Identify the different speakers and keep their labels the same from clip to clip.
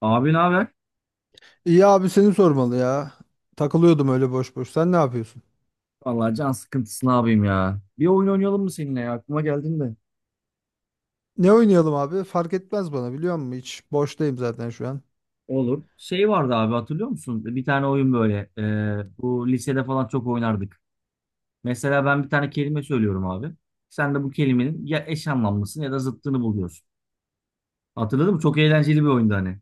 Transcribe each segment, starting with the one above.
Speaker 1: Abi ne haber?
Speaker 2: İyi abi seni sormalı ya. Takılıyordum öyle boş boş. Sen ne yapıyorsun?
Speaker 1: Vallahi can sıkıntısı ne yapayım ya. Bir oyun oynayalım mı seninle ya? Aklıma geldin de.
Speaker 2: Ne oynayalım abi? Fark etmez bana biliyor musun? Hiç boştayım zaten şu an.
Speaker 1: Olur. Şey vardı abi hatırlıyor musun? Bir tane oyun böyle. Bu lisede falan çok oynardık. Mesela ben bir tane kelime söylüyorum abi. Sen de bu kelimenin ya eş anlamlısını ya da zıttını buluyorsun. Hatırladın mı? Çok eğlenceli bir oyundu hani.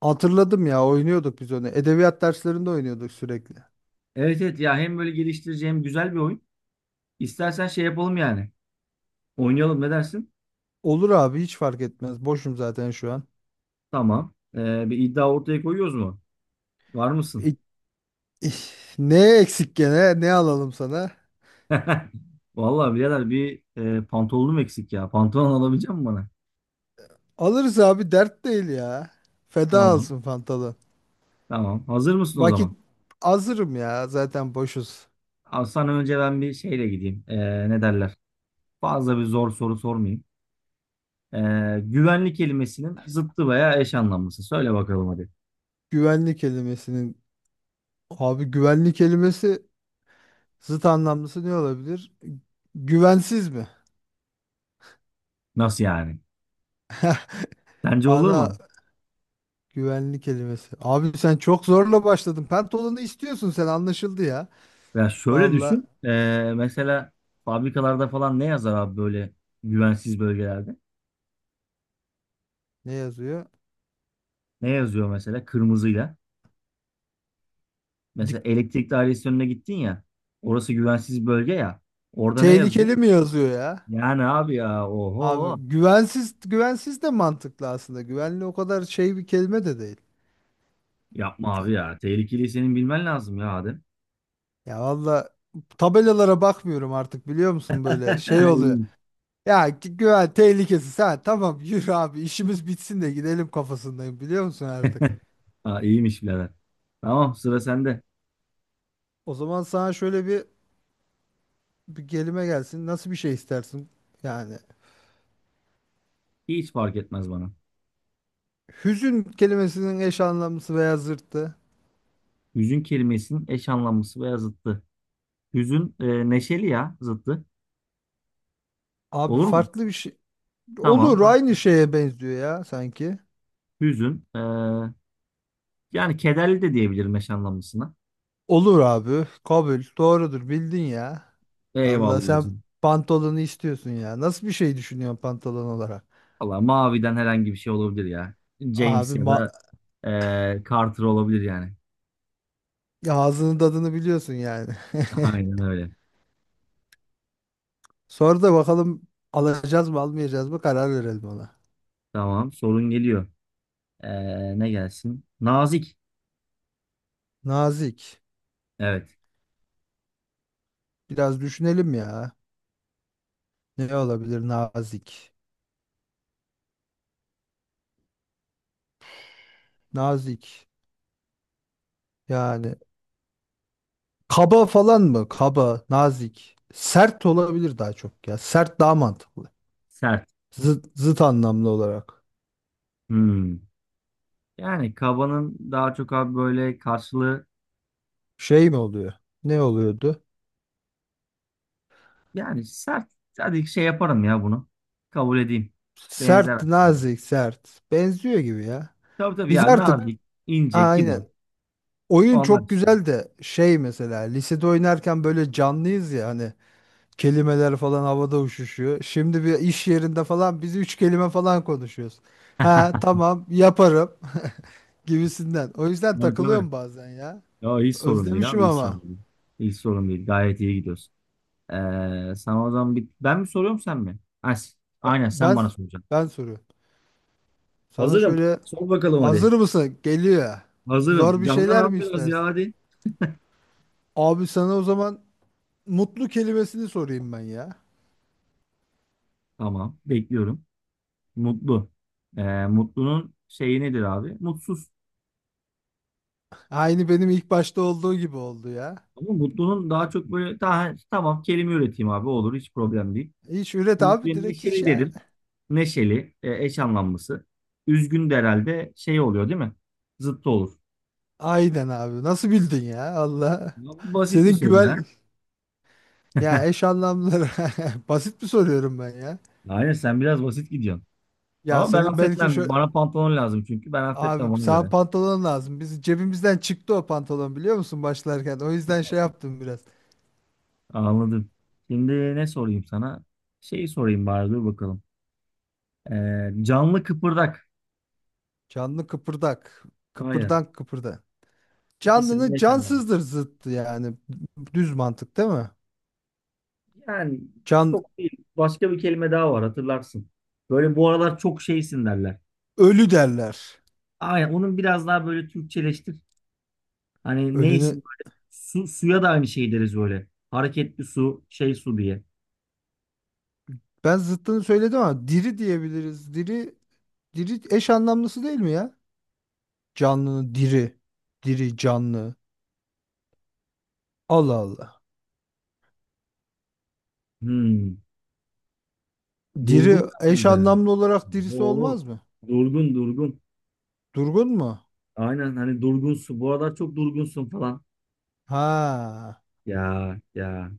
Speaker 2: Hatırladım ya, oynuyorduk biz onu. Edebiyat derslerinde oynuyorduk sürekli.
Speaker 1: Evet evet ya hem böyle geliştirici hem güzel bir oyun. İstersen şey yapalım yani. Oynayalım ne dersin?
Speaker 2: Olur abi, hiç fark etmez. Boşum zaten şu an.
Speaker 1: Tamam. Bir iddia ortaya koyuyoruz mu? Var mısın?
Speaker 2: İ- ih, ne eksik gene? Ne alalım sana?
Speaker 1: Vallahi birader bir pantolonum eksik ya. Pantolon alabilecek misin bana?
Speaker 2: Alırız abi, dert değil ya. Feda
Speaker 1: Tamam.
Speaker 2: olsun Fantalı.
Speaker 1: Tamam. Hazır mısın o
Speaker 2: Vakit
Speaker 1: zaman?
Speaker 2: hazırım ya, zaten boşuz.
Speaker 1: Abi sana önce ben bir şeyle gideyim. Ne derler? Fazla bir zor soru sormayayım. E, Güvenlik kelimesinin zıttı veya eş anlamlısı. Söyle bakalım hadi.
Speaker 2: Güvenlik kelimesinin, abi güvenlik kelimesi, zıt anlamlısı ne olabilir? Güvensiz mi?
Speaker 1: Nasıl yani? Sence olur
Speaker 2: Ana
Speaker 1: mu?
Speaker 2: güvenli kelimesi. Abi sen çok zorla başladın. Pantolonu istiyorsun sen, anlaşıldı ya.
Speaker 1: Ya şöyle
Speaker 2: Valla
Speaker 1: düşün. Mesela fabrikalarda falan ne yazar abi böyle güvensiz bölgelerde?
Speaker 2: ne yazıyor?
Speaker 1: Ne yazıyor mesela kırmızıyla? Mesela
Speaker 2: Dik-
Speaker 1: elektrik dairesi önüne gittin ya. Orası güvensiz bölge ya. Orada ne yazıyor?
Speaker 2: tehlikeli mi yazıyor ya?
Speaker 1: Yani abi ya
Speaker 2: Abi
Speaker 1: oho.
Speaker 2: güvensiz, güvensiz de mantıklı aslında. Güvenli o kadar şey bir kelime de değil.
Speaker 1: Yapma abi ya. Tehlikeli senin bilmen lazım ya Adem.
Speaker 2: Ya valla, tabelalara bakmıyorum artık biliyor musun, böyle şey oluyor.
Speaker 1: İyiymiş.
Speaker 2: Ya güven tehlikesi, ha tamam, yürü abi işimiz bitsin de gidelim kafasındayım biliyor musun artık.
Speaker 1: Ha, iyiymiş birader. Tamam sıra sende.
Speaker 2: O zaman sana şöyle bir kelime gelsin. Nasıl bir şey istersin? Yani
Speaker 1: Hiç fark etmez bana.
Speaker 2: hüzün kelimesinin eş anlamlısı veya zıttı.
Speaker 1: Hüzün kelimesinin eş anlamlısı veya zıttı. Hüzün neşeli ya zıttı.
Speaker 2: Abi
Speaker 1: Olur mu?
Speaker 2: farklı bir şey.
Speaker 1: Tamam.
Speaker 2: Olur,
Speaker 1: Başka.
Speaker 2: aynı şeye benziyor ya sanki.
Speaker 1: Hüzün yani kederli de diyebilirim eş anlamlısına.
Speaker 2: Olur abi. Kabul. Doğrudur. Bildin ya. Allah,
Speaker 1: Eyvallah
Speaker 2: sen
Speaker 1: hacım.
Speaker 2: pantolonu istiyorsun ya. Nasıl bir şey düşünüyorsun pantolon olarak?
Speaker 1: Valla maviden herhangi bir şey olabilir ya. James
Speaker 2: Abi
Speaker 1: ya
Speaker 2: ma,
Speaker 1: da Carter olabilir yani.
Speaker 2: ya ağzının tadını biliyorsun yani.
Speaker 1: Aynen öyle.
Speaker 2: Sonra da bakalım, alacağız mı almayacağız mı karar verelim ona.
Speaker 1: Tamam. Sorun geliyor. Ne gelsin? Nazik.
Speaker 2: Nazik.
Speaker 1: Evet.
Speaker 2: Biraz düşünelim ya. Ne olabilir nazik? Nazik. Yani kaba falan mı? Kaba, nazik. Sert olabilir daha çok ya. Sert daha mantıklı.
Speaker 1: Sert.
Speaker 2: Zıt, zıt anlamlı olarak.
Speaker 1: Hmm. Yani kabanın daha çok abi böyle karşılığı
Speaker 2: Şey mi oluyor? Ne oluyordu?
Speaker 1: yani sert. Hadi şey yaparım ya bunu. Kabul edeyim. Benzer
Speaker 2: Sert,
Speaker 1: aslında.
Speaker 2: nazik, sert. Benziyor gibi ya.
Speaker 1: Tabii tabii
Speaker 2: Biz
Speaker 1: ya
Speaker 2: artık
Speaker 1: nazik, ince,
Speaker 2: aynen.
Speaker 1: kibar.
Speaker 2: Oyun
Speaker 1: Onlar
Speaker 2: çok
Speaker 1: işte.
Speaker 2: güzel de şey, mesela lisede oynarken böyle canlıyız ya hani, kelimeler falan havada uçuşuyor. Şimdi bir iş yerinde falan biz üç kelime falan konuşuyoruz. Ha tamam yaparım gibisinden. O yüzden
Speaker 1: Tabii tabii.
Speaker 2: takılıyorum bazen ya.
Speaker 1: Ya hiç sorun değil
Speaker 2: Özlemişim
Speaker 1: abi. Hiç
Speaker 2: ama.
Speaker 1: sorun değil. Hiç sorun değil. Gayet iyi gidiyoruz. Ee, Sana o zaman bir... Ben mi soruyorum sen mi? Ha,
Speaker 2: Ben
Speaker 1: aynen sen
Speaker 2: ben,
Speaker 1: bana soracaksın.
Speaker 2: ben soruyorum. Sana
Speaker 1: Hazırım.
Speaker 2: şöyle,
Speaker 1: Sor bakalım hadi.
Speaker 2: hazır mısın? Geliyor.
Speaker 1: Hazırım.
Speaker 2: Zor bir
Speaker 1: Candan
Speaker 2: şeyler
Speaker 1: abi
Speaker 2: mi
Speaker 1: biraz
Speaker 2: istersin?
Speaker 1: ya hadi.
Speaker 2: Abi sana o zaman mutlu kelimesini sorayım ben ya.
Speaker 1: Tamam. Bekliyorum. Mutlu. Mutlunun şeyi nedir abi? Mutsuz.
Speaker 2: Aynı benim ilk başta olduğu gibi oldu ya.
Speaker 1: Ama mutlunun daha çok böyle daha, tamam kelime üreteyim abi olur hiç problem değil.
Speaker 2: Hiç üret
Speaker 1: Mutluya
Speaker 2: abi, direkt hiç
Speaker 1: neşeli
Speaker 2: ya.
Speaker 1: derim. Neşeli eş anlamlısı. Üzgün de herhalde şey oluyor değil mi? Zıttı olur.
Speaker 2: Aynen abi. Nasıl bildin ya? Allah.
Speaker 1: Ya bu basit bir
Speaker 2: Senin
Speaker 1: soru ya.
Speaker 2: güven ya, eş anlamları basit mi soruyorum ben ya?
Speaker 1: Aynen sen biraz basit gidiyorsun.
Speaker 2: Ya
Speaker 1: Ama ben
Speaker 2: senin belki
Speaker 1: affetmem.
Speaker 2: şöyle,
Speaker 1: Bana pantolon lazım çünkü. Ben
Speaker 2: abi
Speaker 1: affetmem ona
Speaker 2: sana
Speaker 1: göre.
Speaker 2: pantolon lazım. Biz cebimizden çıktı o pantolon biliyor musun başlarken. O yüzden şey yaptım biraz.
Speaker 1: Anladım. Şimdi ne sorayım sana? Şeyi sorayım bari dur bakalım. Canlı kıpırdak.
Speaker 2: Canlı kıpırdak.
Speaker 1: Aynen.
Speaker 2: Kıpırdan kıpırda.
Speaker 1: İkisinin
Speaker 2: Canlının
Speaker 1: eş anlamı.
Speaker 2: cansızdır zıttı yani. Düz mantık değil mi?
Speaker 1: Yani
Speaker 2: Can
Speaker 1: çok değil. Başka bir kelime daha var hatırlarsın. Böyle bu aralar çok şeysin derler.
Speaker 2: ölü derler.
Speaker 1: Aynen onun biraz daha böyle Türkçeleştir. Hani neysin
Speaker 2: Ölünü
Speaker 1: böyle su, suya da aynı şey deriz böyle. Hareketli su, şey su diye.
Speaker 2: ben zıttını söyledim ama diri diyebiliriz. Diri, diri eş anlamlısı değil mi ya? Canlının diri. Diri canlı. Allah Allah.
Speaker 1: Hmm.
Speaker 2: Diri
Speaker 1: Durgun abi
Speaker 2: eş
Speaker 1: be.
Speaker 2: anlamlı olarak dirisi
Speaker 1: Oo.
Speaker 2: olmaz mı?
Speaker 1: Durgun durgun.
Speaker 2: Durgun mu?
Speaker 1: Aynen hani durgunsun. Bu aralar çok durgunsun falan.
Speaker 2: Ha.
Speaker 1: Ya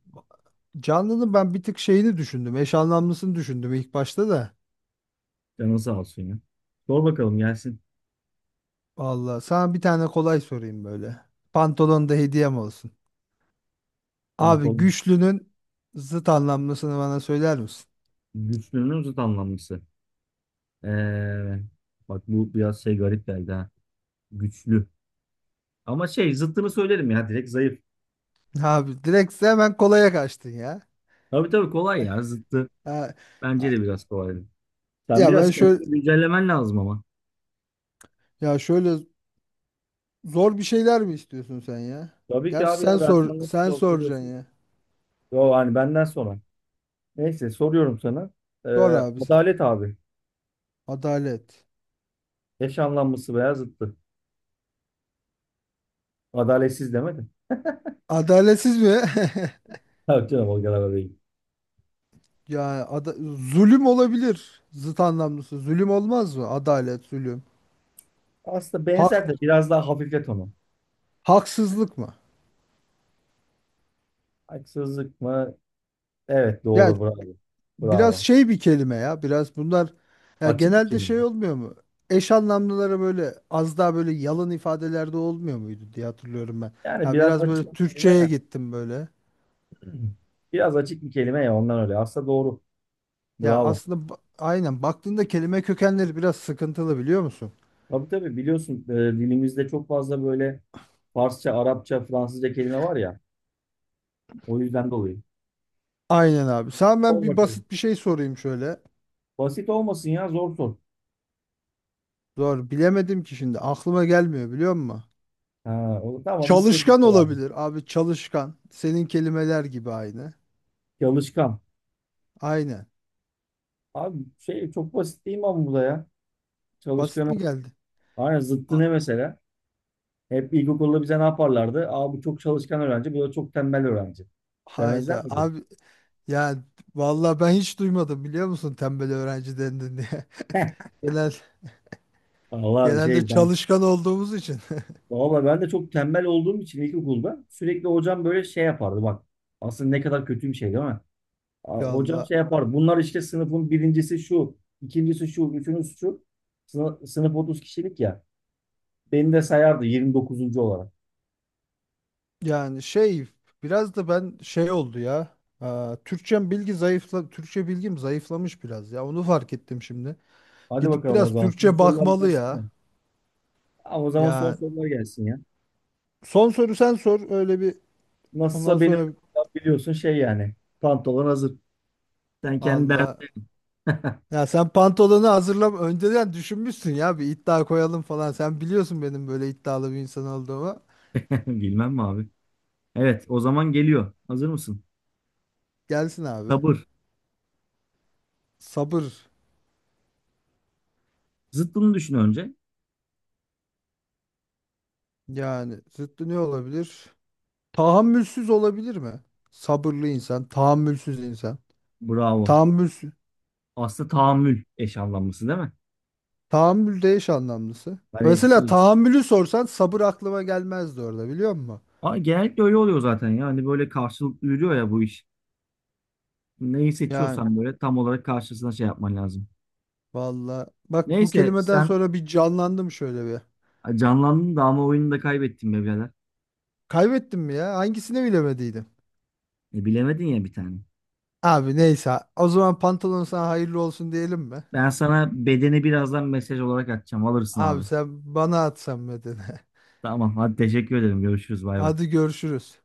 Speaker 2: Canlı'nın ben bir tık şeyini düşündüm. Eş anlamlısını düşündüm ilk başta da.
Speaker 1: canın sağ olsun ya. Sor bakalım gelsin.
Speaker 2: Vallahi sana bir tane kolay sorayım böyle. Pantolon da hediyem olsun. Abi
Speaker 1: Pantolon.
Speaker 2: güçlünün zıt anlamlısını bana söyler misin?
Speaker 1: Güçlünün zıt anlamlısı. Ee, Bak bu biraz şey garip geldi ha. Güçlü. Ama şey zıttını söylerim ya direkt zayıf.
Speaker 2: Abi direkt sen hemen kolaya kaçtın ya.
Speaker 1: Tabii tabii kolay ya zıttı.
Speaker 2: Ha,
Speaker 1: Bence
Speaker 2: ha-
Speaker 1: de biraz kolay. Sen
Speaker 2: ya
Speaker 1: biraz
Speaker 2: ben şöyle,
Speaker 1: kendini güncellemen lazım ama.
Speaker 2: ya şöyle, zor bir şeyler mi istiyorsun sen ya?
Speaker 1: Tabii ki
Speaker 2: Gerçi
Speaker 1: abi
Speaker 2: sen
Speaker 1: ya ben
Speaker 2: sor,
Speaker 1: sana nasıl
Speaker 2: sen
Speaker 1: zor
Speaker 2: soracaksın
Speaker 1: soruyorsun?
Speaker 2: ya.
Speaker 1: Yo hani benden sonra. Neyse soruyorum sana. Ee,
Speaker 2: Sor abi sen.
Speaker 1: Adalet abi.
Speaker 2: Adalet.
Speaker 1: Eş anlamlısı veya zıttı. Adaletsiz demedim.
Speaker 2: Adaletsiz mi?
Speaker 1: Tabii canım o kadar da değil.
Speaker 2: Yani zulüm olabilir. Zıt anlamlısı. Zulüm olmaz mı? Adalet, zulüm.
Speaker 1: Aslında
Speaker 2: Hak,
Speaker 1: benzer de biraz daha hafiflet onu.
Speaker 2: haksızlık mı?
Speaker 1: Haksızlık mı? Evet
Speaker 2: Ya
Speaker 1: doğru bravo.
Speaker 2: biraz
Speaker 1: Bravo.
Speaker 2: şey bir kelime ya. Biraz bunlar ya
Speaker 1: Açık bir
Speaker 2: genelde
Speaker 1: kelime.
Speaker 2: şey olmuyor mu? Eş anlamlılara böyle az daha böyle yalın ifadelerde olmuyor muydu diye hatırlıyorum ben.
Speaker 1: Yani
Speaker 2: Ya
Speaker 1: biraz
Speaker 2: biraz
Speaker 1: açık
Speaker 2: böyle
Speaker 1: bir kelime
Speaker 2: Türkçeye
Speaker 1: ya.
Speaker 2: gittim böyle.
Speaker 1: Biraz açık bir kelime ya ondan öyle. Aslında doğru.
Speaker 2: Ya
Speaker 1: Bravo.
Speaker 2: aslında aynen baktığında kelime kökenleri biraz sıkıntılı biliyor musun?
Speaker 1: Tabii tabii biliyorsun dilimizde çok fazla böyle Farsça, Arapça, Fransızca kelime var ya. O yüzden dolayı.
Speaker 2: Aynen abi. Sana ben
Speaker 1: Sor
Speaker 2: bir
Speaker 1: bakalım.
Speaker 2: basit bir şey sorayım şöyle.
Speaker 1: Basit olmasın ya zor sor.
Speaker 2: Doğru bilemedim ki, şimdi aklıma gelmiyor biliyor musun?
Speaker 1: Ha, o, tamam istediğin
Speaker 2: Çalışkan
Speaker 1: sorardım.
Speaker 2: olabilir abi, çalışkan. Senin kelimeler gibi aynı.
Speaker 1: Çalışkan.
Speaker 2: Aynen.
Speaker 1: Abi şey çok basit değil mi ama bu da ya?
Speaker 2: Basit
Speaker 1: Çalışkanın.
Speaker 2: mi geldi?
Speaker 1: Aynen zıttı ne
Speaker 2: Ha-
Speaker 1: mesela? Hep ilkokulda bize ne yaparlardı? Aa bu çok çalışkan öğrenci, bu da çok tembel öğrenci. Demezler
Speaker 2: Hayda
Speaker 1: mi ki?
Speaker 2: abi, yani vallahi ben hiç duymadım biliyor musun tembel öğrenci dendin diye. Genel
Speaker 1: Valla
Speaker 2: Genelde
Speaker 1: şey ben
Speaker 2: çalışkan olduğumuz için.
Speaker 1: valla ben de çok tembel olduğum için ilkokulda sürekli hocam böyle şey yapardı bak. Aslında ne kadar kötü bir şey değil mi? Aa, hocam
Speaker 2: Valla
Speaker 1: şey yapardı. Bunlar işte sınıfın birincisi şu, ikincisi şu, üçüncüsü şu. Sınıf 30 kişilik ya. Beni de sayardı 29. olarak.
Speaker 2: yani şey, biraz da ben şey oldu ya. Aa, Türkçem bilgi zayıfla, Türkçe bilgim zayıflamış biraz ya, onu fark ettim şimdi.
Speaker 1: Hadi
Speaker 2: Gidip
Speaker 1: bakalım o
Speaker 2: biraz
Speaker 1: zaman. Son
Speaker 2: Türkçe
Speaker 1: sorular
Speaker 2: bakmalı
Speaker 1: gelsin
Speaker 2: ya.
Speaker 1: mi? Aa, o zaman son
Speaker 2: Ya
Speaker 1: sorular gelsin ya.
Speaker 2: son soru sen sor, öyle bir ondan
Speaker 1: Nasılsa benim
Speaker 2: sonra.
Speaker 1: biliyorsun şey yani. Pantolon hazır. Sen kendi derdin.
Speaker 2: Allah, ya sen pantolonu hazırlam önceden düşünmüşsün ya, bir iddia koyalım falan. Sen biliyorsun benim böyle iddialı bir insan olduğumu.
Speaker 1: Bilmem mi abi? Evet, o zaman geliyor. Hazır mısın?
Speaker 2: Gelsin abi.
Speaker 1: Sabır.
Speaker 2: Sabır.
Speaker 1: Zıttını düşün önce.
Speaker 2: Yani zıttı ne olabilir? Tahammülsüz olabilir mi? Sabırlı insan, tahammülsüz insan.
Speaker 1: Bravo.
Speaker 2: Tahammülsüz.
Speaker 1: Aslında tahammül eş anlamlısı değil mi?
Speaker 2: Tahammül de eş anlamlısı.
Speaker 1: Hani
Speaker 2: Mesela
Speaker 1: şey,
Speaker 2: tahammülü sorsan sabır aklıma gelmezdi orada biliyor musun?
Speaker 1: aa, genellikle öyle oluyor zaten ya. Hani böyle karşılıklı yürüyor ya bu iş. Neyi
Speaker 2: Yani
Speaker 1: seçiyorsan böyle tam olarak karşısına şey yapman lazım.
Speaker 2: valla bak, bu
Speaker 1: Neyse
Speaker 2: kelimeden
Speaker 1: sen
Speaker 2: sonra bir canlandım şöyle bir.
Speaker 1: canlandın da ama oyunu da kaybettin be birader.
Speaker 2: Kaybettim mi ya? Hangisini bilemediydim?
Speaker 1: Bilemedin ya bir tane.
Speaker 2: Abi neyse. O zaman pantolon sana hayırlı olsun diyelim mi?
Speaker 1: Ben sana bedeni birazdan mesaj olarak atacağım. Alırsın
Speaker 2: Abi
Speaker 1: abi.
Speaker 2: sen bana at sen medeni.
Speaker 1: Tamam hadi teşekkür ederim. Görüşürüz. Bay bay.
Speaker 2: Hadi görüşürüz.